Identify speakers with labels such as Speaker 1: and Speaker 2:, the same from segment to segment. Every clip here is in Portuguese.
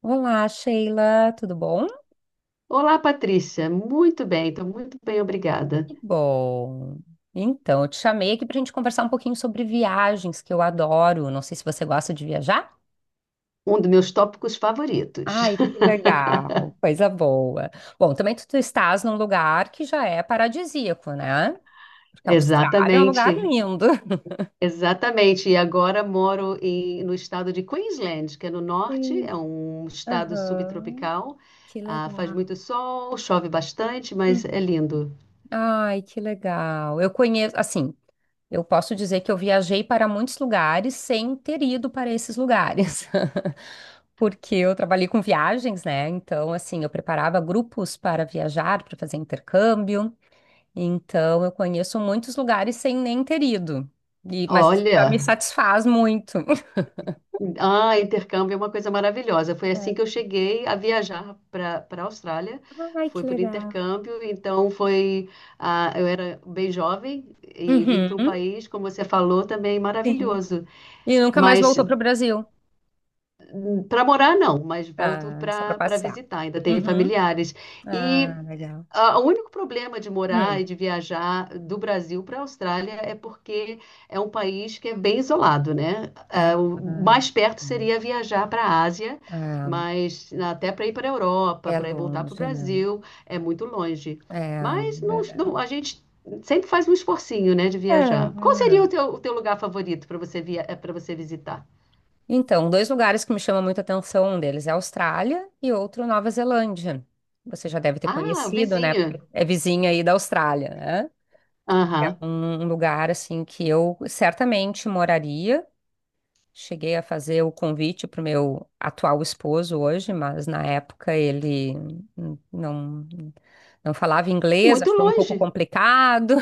Speaker 1: Olá, Sheila, tudo bom?
Speaker 2: Olá, Patrícia. Muito bem, estou muito bem, obrigada.
Speaker 1: Que bom. Então, eu te chamei aqui para a gente conversar um pouquinho sobre viagens, que eu adoro. Não sei se você gosta de viajar.
Speaker 2: Um dos meus tópicos favoritos.
Speaker 1: Ai, que legal, coisa boa. Bom, também tu estás num lugar que já é paradisíaco, né? Porque a Austrália é um
Speaker 2: Exatamente,
Speaker 1: lugar lindo.
Speaker 2: exatamente. E agora moro no estado de Queensland, que é no norte,
Speaker 1: Sim,
Speaker 2: é um estado
Speaker 1: aham,
Speaker 2: subtropical.
Speaker 1: que
Speaker 2: Faz
Speaker 1: legal.
Speaker 2: muito sol, chove bastante, mas é lindo.
Speaker 1: Ai, que legal. Eu conheço, assim, eu posso dizer que eu viajei para muitos lugares sem ter ido para esses lugares. Porque eu trabalhei com viagens, né? Então, assim, eu preparava grupos para viajar, para fazer intercâmbio. Então, eu conheço muitos lugares sem nem ter ido. E, mas isso já me
Speaker 2: Olha.
Speaker 1: satisfaz muito.
Speaker 2: Ah, intercâmbio é uma coisa maravilhosa. Foi
Speaker 1: É.
Speaker 2: assim que eu cheguei a viajar para a Austrália.
Speaker 1: Ai, que
Speaker 2: Foi por
Speaker 1: legal.
Speaker 2: intercâmbio, então foi. Eu era bem jovem e vim
Speaker 1: Uhum,
Speaker 2: para um país, como você falou, também
Speaker 1: sim.
Speaker 2: maravilhoso.
Speaker 1: E nunca mais
Speaker 2: Mas
Speaker 1: voltou para o Brasil?
Speaker 2: para morar, não, mas volto
Speaker 1: Ah, só para
Speaker 2: para
Speaker 1: passear.
Speaker 2: visitar, ainda tenho
Speaker 1: Uhum.
Speaker 2: familiares. E
Speaker 1: Ah, legal.
Speaker 2: ah, o único problema de morar e de viajar do Brasil para a Austrália é porque é um país que é bem isolado, né?
Speaker 1: Ah,
Speaker 2: O mais perto seria viajar para a Ásia,
Speaker 1: ah,
Speaker 2: mas até para ir para a Europa,
Speaker 1: é
Speaker 2: para ir voltar para o
Speaker 1: longe, né?
Speaker 2: Brasil, é muito longe.
Speaker 1: É,
Speaker 2: Mas
Speaker 1: verdade.
Speaker 2: a gente sempre faz um esforcinho, né, de viajar. Qual seria
Speaker 1: É.
Speaker 2: o teu lugar favorito para para você visitar?
Speaker 1: Então, dois lugares que me chamam muita atenção, um deles é a Austrália e outro Nova Zelândia. Você já deve ter
Speaker 2: Ah, o
Speaker 1: conhecido, né? Porque
Speaker 2: vizinho.
Speaker 1: é vizinha aí da Austrália, né? É
Speaker 2: Aham.
Speaker 1: um lugar assim que eu certamente moraria. Cheguei a fazer o convite para o meu atual esposo hoje, mas na época ele hum, não não falava
Speaker 2: É
Speaker 1: inglês,
Speaker 2: muito
Speaker 1: achou um pouco
Speaker 2: longe.
Speaker 1: complicado.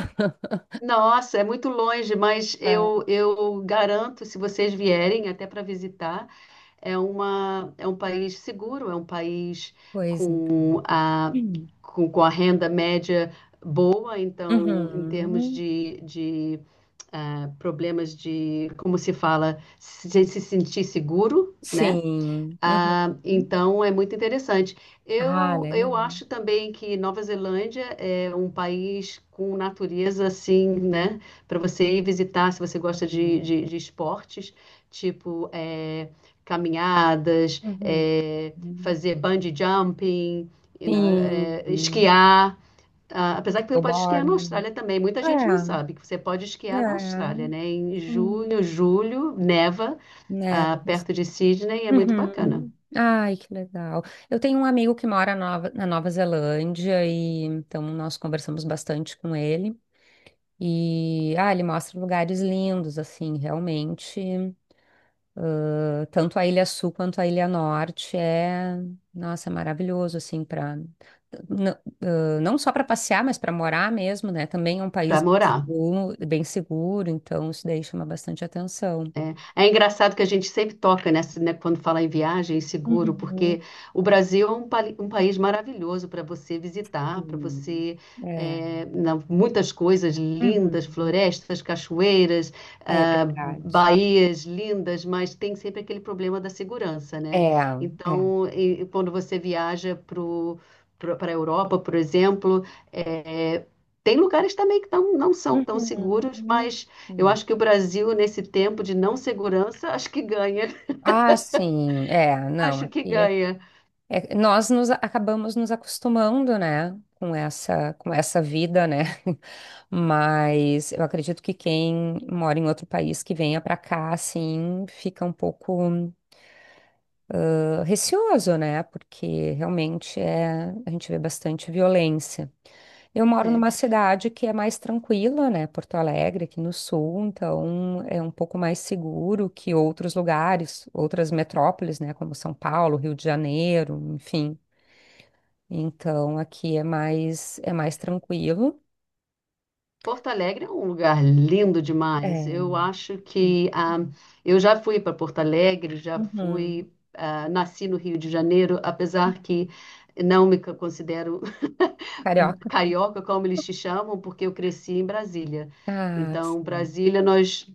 Speaker 2: Nossa, é muito longe, mas eu garanto, se vocês vierem até para visitar, é um país seguro, é um país
Speaker 1: Pois então.
Speaker 2: com a,
Speaker 1: Hum.
Speaker 2: com a renda média boa, então, em termos
Speaker 1: Uhum.
Speaker 2: de problemas de, como se fala, se sentir seguro, né?
Speaker 1: Sim. Uhum.
Speaker 2: Ah, então é muito interessante.
Speaker 1: Ah, legal.
Speaker 2: Eu acho também que Nova Zelândia é um país com natureza assim, né? Para você ir visitar, se você gosta
Speaker 1: Legal.
Speaker 2: de esportes, tipo é, caminhadas,
Speaker 1: Uhum.
Speaker 2: é, fazer bungee jumping, you know, é,
Speaker 1: Sim.
Speaker 2: esquiar. Ah, apesar que você pode esquiar na
Speaker 1: Stillborn.
Speaker 2: Austrália também, muita gente não
Speaker 1: É,
Speaker 2: sabe que você pode esquiar na
Speaker 1: é.
Speaker 2: Austrália, né? Em
Speaker 1: Hum.
Speaker 2: junho, julho, neva, ah,
Speaker 1: Névoas.
Speaker 2: perto de Sydney, é muito bacana.
Speaker 1: Uhum. Ai, que legal. Eu tenho um amigo que mora na Nova Zelândia e então nós conversamos bastante com ele. E ah, ele mostra lugares lindos, assim, realmente. Tanto a Ilha Sul quanto a Ilha Norte é, nossa, é maravilhoso assim para não, ah, não só para passear, mas para morar mesmo, né? Também é um
Speaker 2: Para
Speaker 1: país
Speaker 2: morar.
Speaker 1: bem seguro, então isso daí chama bastante atenção.
Speaker 2: É. É engraçado que a gente sempre toca nessa, né, quando fala em viagem seguro,
Speaker 1: Uhum.
Speaker 2: porque o Brasil é um país maravilhoso para você visitar, para
Speaker 1: Hum.
Speaker 2: você
Speaker 1: É.
Speaker 2: muitas coisas lindas,
Speaker 1: Uhum.
Speaker 2: florestas, cachoeiras,
Speaker 1: É
Speaker 2: ah,
Speaker 1: verdade.
Speaker 2: baías lindas, mas tem sempre aquele problema da segurança, né?
Speaker 1: É, é.
Speaker 2: Então, e quando você viaja para a Europa, por exemplo, é, tem lugares também que não são tão
Speaker 1: Uhum.
Speaker 2: seguros, mas eu
Speaker 1: Hum.
Speaker 2: acho que o Brasil, nesse tempo de não segurança, acho que ganha.
Speaker 1: Ah, sim, é, não,
Speaker 2: Acho que
Speaker 1: aqui é.
Speaker 2: ganha.
Speaker 1: É, nós nos acabamos nos acostumando, né, com com essa vida, né? Mas eu acredito que quem mora em outro país que venha para cá, assim, fica um pouco receoso, né? Porque realmente é, a gente vê bastante violência. Eu moro
Speaker 2: É.
Speaker 1: numa cidade que é mais tranquila, né? Porto Alegre, aqui no sul, então é um pouco mais seguro que outros lugares, outras metrópoles, né? Como São Paulo, Rio de Janeiro, enfim. Então aqui é mais tranquilo.
Speaker 2: Porto Alegre é um lugar lindo demais. Eu
Speaker 1: É.
Speaker 2: acho que ah, eu já fui para Porto Alegre, já
Speaker 1: Uhum.
Speaker 2: fui, ah, nasci no Rio de Janeiro, apesar que não me considero um
Speaker 1: Carioca?
Speaker 2: carioca, como eles te chamam, porque eu cresci em Brasília.
Speaker 1: Ah,
Speaker 2: Então,
Speaker 1: sim.
Speaker 2: Brasília, nós,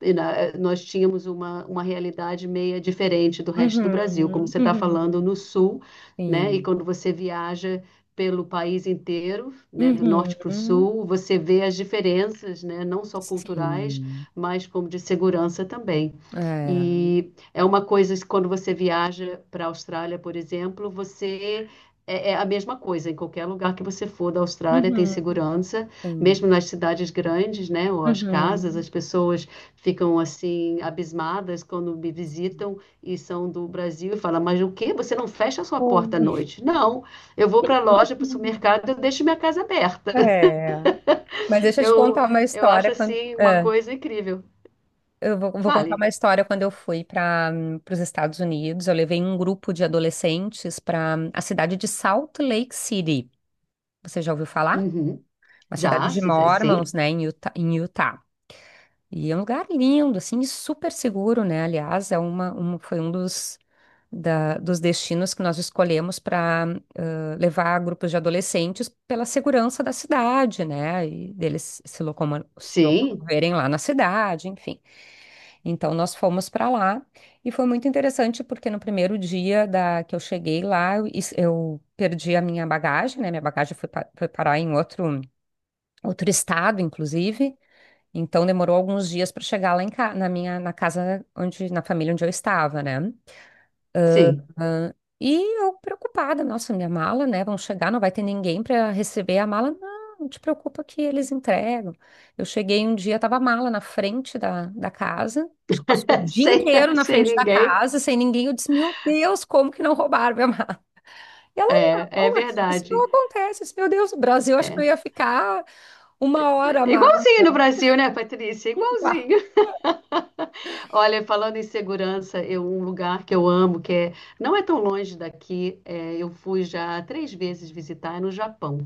Speaker 2: e na- nós tínhamos uma realidade meia diferente do resto do Brasil, como
Speaker 1: Uhum,
Speaker 2: você está
Speaker 1: uhum,
Speaker 2: falando no sul, né? E
Speaker 1: sim.
Speaker 2: quando você viaja pelo país inteiro, né, do norte para o
Speaker 1: Uhum,
Speaker 2: sul, você vê as diferenças, né, não só culturais,
Speaker 1: sim.
Speaker 2: mas como de segurança também.
Speaker 1: É.
Speaker 2: E é uma coisa que quando você viaja para a Austrália, por exemplo, é a mesma coisa, em qualquer lugar que você for da Austrália tem
Speaker 1: Uhum,
Speaker 2: segurança,
Speaker 1: sim.
Speaker 2: mesmo nas cidades grandes, né, ou as casas,
Speaker 1: Uhum.
Speaker 2: as pessoas ficam assim abismadas quando me visitam e são do Brasil e falam, mas o quê? Você não fecha a sua porta à
Speaker 1: Oh.
Speaker 2: noite? Não, eu vou para a loja, para o supermercado, eu deixo minha casa aberta.
Speaker 1: É. Mas deixa eu te
Speaker 2: Eu,
Speaker 1: contar uma
Speaker 2: eu acho
Speaker 1: história quando.
Speaker 2: assim uma
Speaker 1: É.
Speaker 2: coisa incrível.
Speaker 1: Vou contar
Speaker 2: Fale.
Speaker 1: uma história quando eu fui para os Estados Unidos. Eu levei um grupo de adolescentes para a cidade de Salt Lake City. Você já ouviu falar?
Speaker 2: Uhum.
Speaker 1: Uma cidade
Speaker 2: Já?
Speaker 1: de
Speaker 2: Sim, sim,
Speaker 1: Mormons, né, em Utah, em Utah. E é um lugar lindo, assim, e super seguro, né? Aliás, foi um dos destinos que nós escolhemos para levar grupos de adolescentes pela segurança da cidade, né? E deles se
Speaker 2: sim.
Speaker 1: locomoverem lá na cidade, enfim. Então nós fomos para lá e foi muito interessante porque no primeiro dia da que eu cheguei lá, eu perdi a minha bagagem, né? Minha bagagem foi parar em outro outro estado, inclusive. Então demorou alguns dias para chegar na minha na casa onde na família onde eu estava, né?
Speaker 2: Sim.
Speaker 1: E eu preocupada, nossa, minha mala, né? Vão chegar, não vai ter ninguém para receber a mala. Não, não te preocupa que eles entregam. Eu cheguei um dia, tava a mala na frente da casa, acho que passou o dia
Speaker 2: Sem,
Speaker 1: inteiro na
Speaker 2: sem
Speaker 1: frente da
Speaker 2: ninguém.
Speaker 1: casa, sem ninguém. Eu disse, meu Deus, como que não roubaram minha mala? E ela,
Speaker 2: É, é
Speaker 1: não, aqui isso não
Speaker 2: verdade.
Speaker 1: acontece. Eu disse, meu Deus, o Brasil, acho que eu
Speaker 2: É.
Speaker 1: ia ficar uma hora a mala.
Speaker 2: Igualzinho no Brasil, né, Patrícia?
Speaker 1: Uá.
Speaker 2: Igualzinho. Olha, falando em segurança, um lugar que eu amo, não é tão longe daqui, é, eu fui já 3 vezes visitar, é no Japão.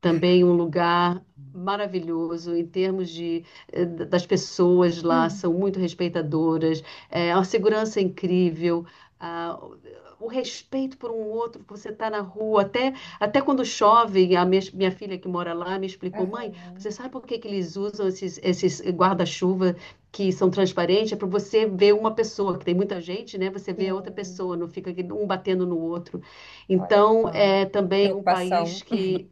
Speaker 2: Também um lugar maravilhoso em termos de, das pessoas lá, são
Speaker 1: Hum.
Speaker 2: muito respeitadoras, é, uma segurança incrível, ah, o respeito por um outro, você está na rua, até, até quando chove, minha filha que mora lá me explicou, mãe,
Speaker 1: Aham,
Speaker 2: você sabe por que que eles usam esses guarda-chuva? Que são transparentes, é para você ver uma pessoa, que tem muita gente, né? Você vê a outra
Speaker 1: sim,
Speaker 2: pessoa, não fica um batendo no outro.
Speaker 1: olha
Speaker 2: Então,
Speaker 1: só.
Speaker 2: é também um
Speaker 1: Preocupação.
Speaker 2: país que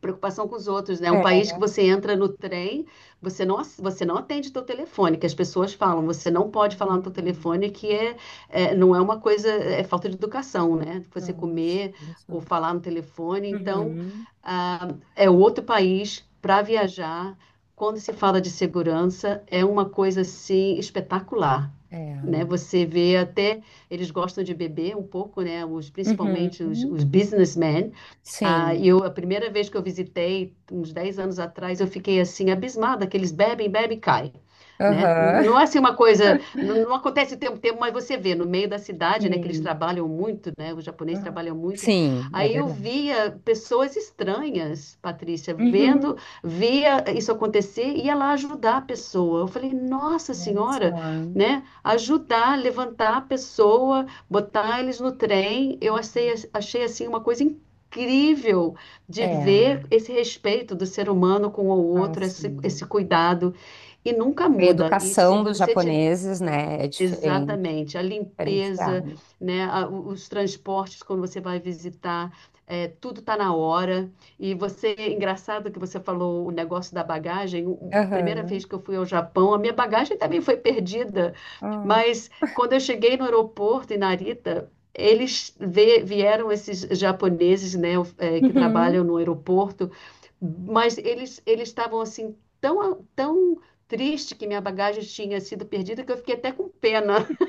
Speaker 2: preocupação com os outros, né? Um
Speaker 1: É.
Speaker 2: país que você entra no trem, você não atende teu telefone, que as pessoas falam, você não pode falar no teu
Speaker 1: Uhum.
Speaker 2: telefone, é, não é uma coisa, é falta de educação, né? Você
Speaker 1: Nossa,
Speaker 2: comer
Speaker 1: olha
Speaker 2: ou
Speaker 1: só.
Speaker 2: falar no telefone, então
Speaker 1: Uhum.
Speaker 2: ah, é outro país para viajar. Quando se fala de segurança, é uma coisa assim espetacular. Né?
Speaker 1: É.
Speaker 2: Você vê até, eles gostam de beber um pouco, né? Principalmente
Speaker 1: Uhum.
Speaker 2: os businessmen, E
Speaker 1: Sim.
Speaker 2: eu, a primeira vez que eu visitei, uns 10 anos atrás, eu fiquei assim, abismada, que eles bebem, bebem e caem. Né?
Speaker 1: Aham.
Speaker 2: Não é assim uma coisa, não, não acontece o tempo, mas você vê no meio da cidade, né, que eles
Speaker 1: Sim.
Speaker 2: trabalham muito, né, os japoneses
Speaker 1: Aham.
Speaker 2: trabalham muito.
Speaker 1: Sim, é
Speaker 2: Aí eu
Speaker 1: verdade.
Speaker 2: via pessoas estranhas, Patrícia,
Speaker 1: Uhum.
Speaker 2: vendo, via isso acontecer e ia lá ajudar a pessoa. Eu falei, nossa
Speaker 1: Olha só.
Speaker 2: senhora,
Speaker 1: Uhum.
Speaker 2: né, ajudar, levantar a pessoa, botar eles no trem. Eu achei, achei assim uma coisa incrível de
Speaker 1: É,
Speaker 2: ver esse respeito do ser humano com o outro,
Speaker 1: assim.
Speaker 2: esse cuidado, e nunca
Speaker 1: A
Speaker 2: muda. E se
Speaker 1: educação dos
Speaker 2: você ti-
Speaker 1: japoneses, né, é diferente,
Speaker 2: Exatamente, a limpeza,
Speaker 1: diferenciada.
Speaker 2: né, os transportes quando você vai visitar, é, tudo tá na hora. E você, engraçado que você falou o negócio da bagagem. A primeira
Speaker 1: Aham.
Speaker 2: vez que eu fui ao Japão, a minha bagagem também foi perdida.
Speaker 1: Ah.
Speaker 2: Mas quando eu cheguei no aeroporto em Narita, eles vieram esses japoneses, né, é, que
Speaker 1: Uhum.
Speaker 2: trabalham no aeroporto, mas eles estavam assim tão triste que minha bagagem tinha sido perdida, que eu fiquei até com pena.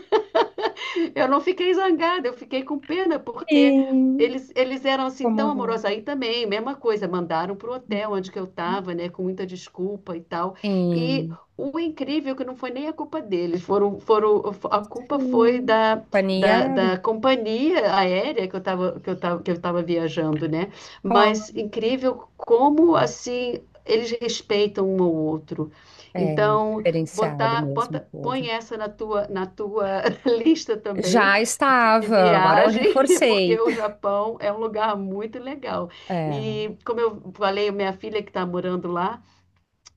Speaker 2: Eu não fiquei zangada, eu fiquei com pena, porque
Speaker 1: Sim.
Speaker 2: eles eram assim tão
Speaker 1: Comovente.
Speaker 2: amorosos. Aí também, mesma coisa, mandaram para o hotel
Speaker 1: Uhum.
Speaker 2: onde que eu estava, né, com muita desculpa e tal. E
Speaker 1: Sim.
Speaker 2: o incrível é que não foi nem a culpa deles, a culpa foi
Speaker 1: Sim. Companhia aérea,
Speaker 2: da companhia aérea que eu estava que eu tava viajando, né? Mas
Speaker 1: claro.
Speaker 2: incrível como assim eles respeitam um ao outro.
Speaker 1: É
Speaker 2: Então,
Speaker 1: diferenciado mesmo o povo.
Speaker 2: põe essa na tua lista também
Speaker 1: Já
Speaker 2: de
Speaker 1: estava, agora eu
Speaker 2: viagem, porque
Speaker 1: reforcei.
Speaker 2: o Japão é um lugar muito legal.
Speaker 1: É.
Speaker 2: E como eu falei, minha filha que está morando lá,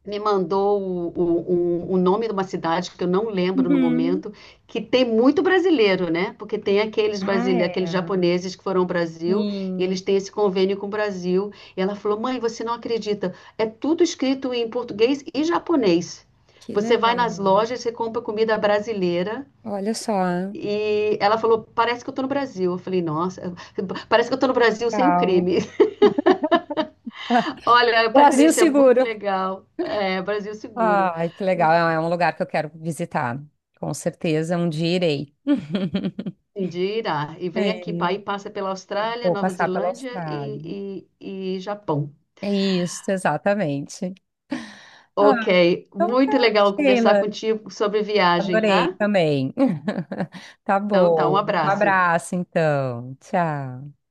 Speaker 2: me mandou o nome de uma cidade que eu não lembro no
Speaker 1: Uhum.
Speaker 2: momento, que tem muito brasileiro, né? Porque tem aqueles
Speaker 1: Ah,
Speaker 2: brasileiros, aqueles
Speaker 1: é.
Speaker 2: japoneses que foram ao Brasil e
Speaker 1: Sim,
Speaker 2: eles têm esse convênio com o Brasil. E ela falou: "Mãe, você não acredita? É tudo escrito em português e japonês.
Speaker 1: que
Speaker 2: Você vai nas
Speaker 1: legal.
Speaker 2: lojas, você compra comida brasileira."
Speaker 1: Olha só.
Speaker 2: E ela falou, parece que eu tô no Brasil. Eu falei, nossa, parece que eu tô no Brasil sem o
Speaker 1: Legal.
Speaker 2: crime. Olha,
Speaker 1: Brasil
Speaker 2: Patrícia, muito
Speaker 1: seguro.
Speaker 2: legal. É, Brasil seguro.
Speaker 1: Ai, que legal. É é um lugar que eu quero visitar. Com certeza, um dia irei.
Speaker 2: Indira, e vem
Speaker 1: É.
Speaker 2: aqui, pa- aí
Speaker 1: E
Speaker 2: passa pela Austrália,
Speaker 1: vou
Speaker 2: Nova
Speaker 1: passar pela
Speaker 2: Zelândia
Speaker 1: Austrália.
Speaker 2: e Japão.
Speaker 1: É isso, exatamente.
Speaker 2: Ok,
Speaker 1: Ah, então tá,
Speaker 2: muito legal conversar
Speaker 1: Sheila.
Speaker 2: contigo sobre viagem,
Speaker 1: Adorei
Speaker 2: tá?
Speaker 1: também. Tá
Speaker 2: Então tá, um
Speaker 1: bom. Um
Speaker 2: abraço.
Speaker 1: abraço, então. Tchau.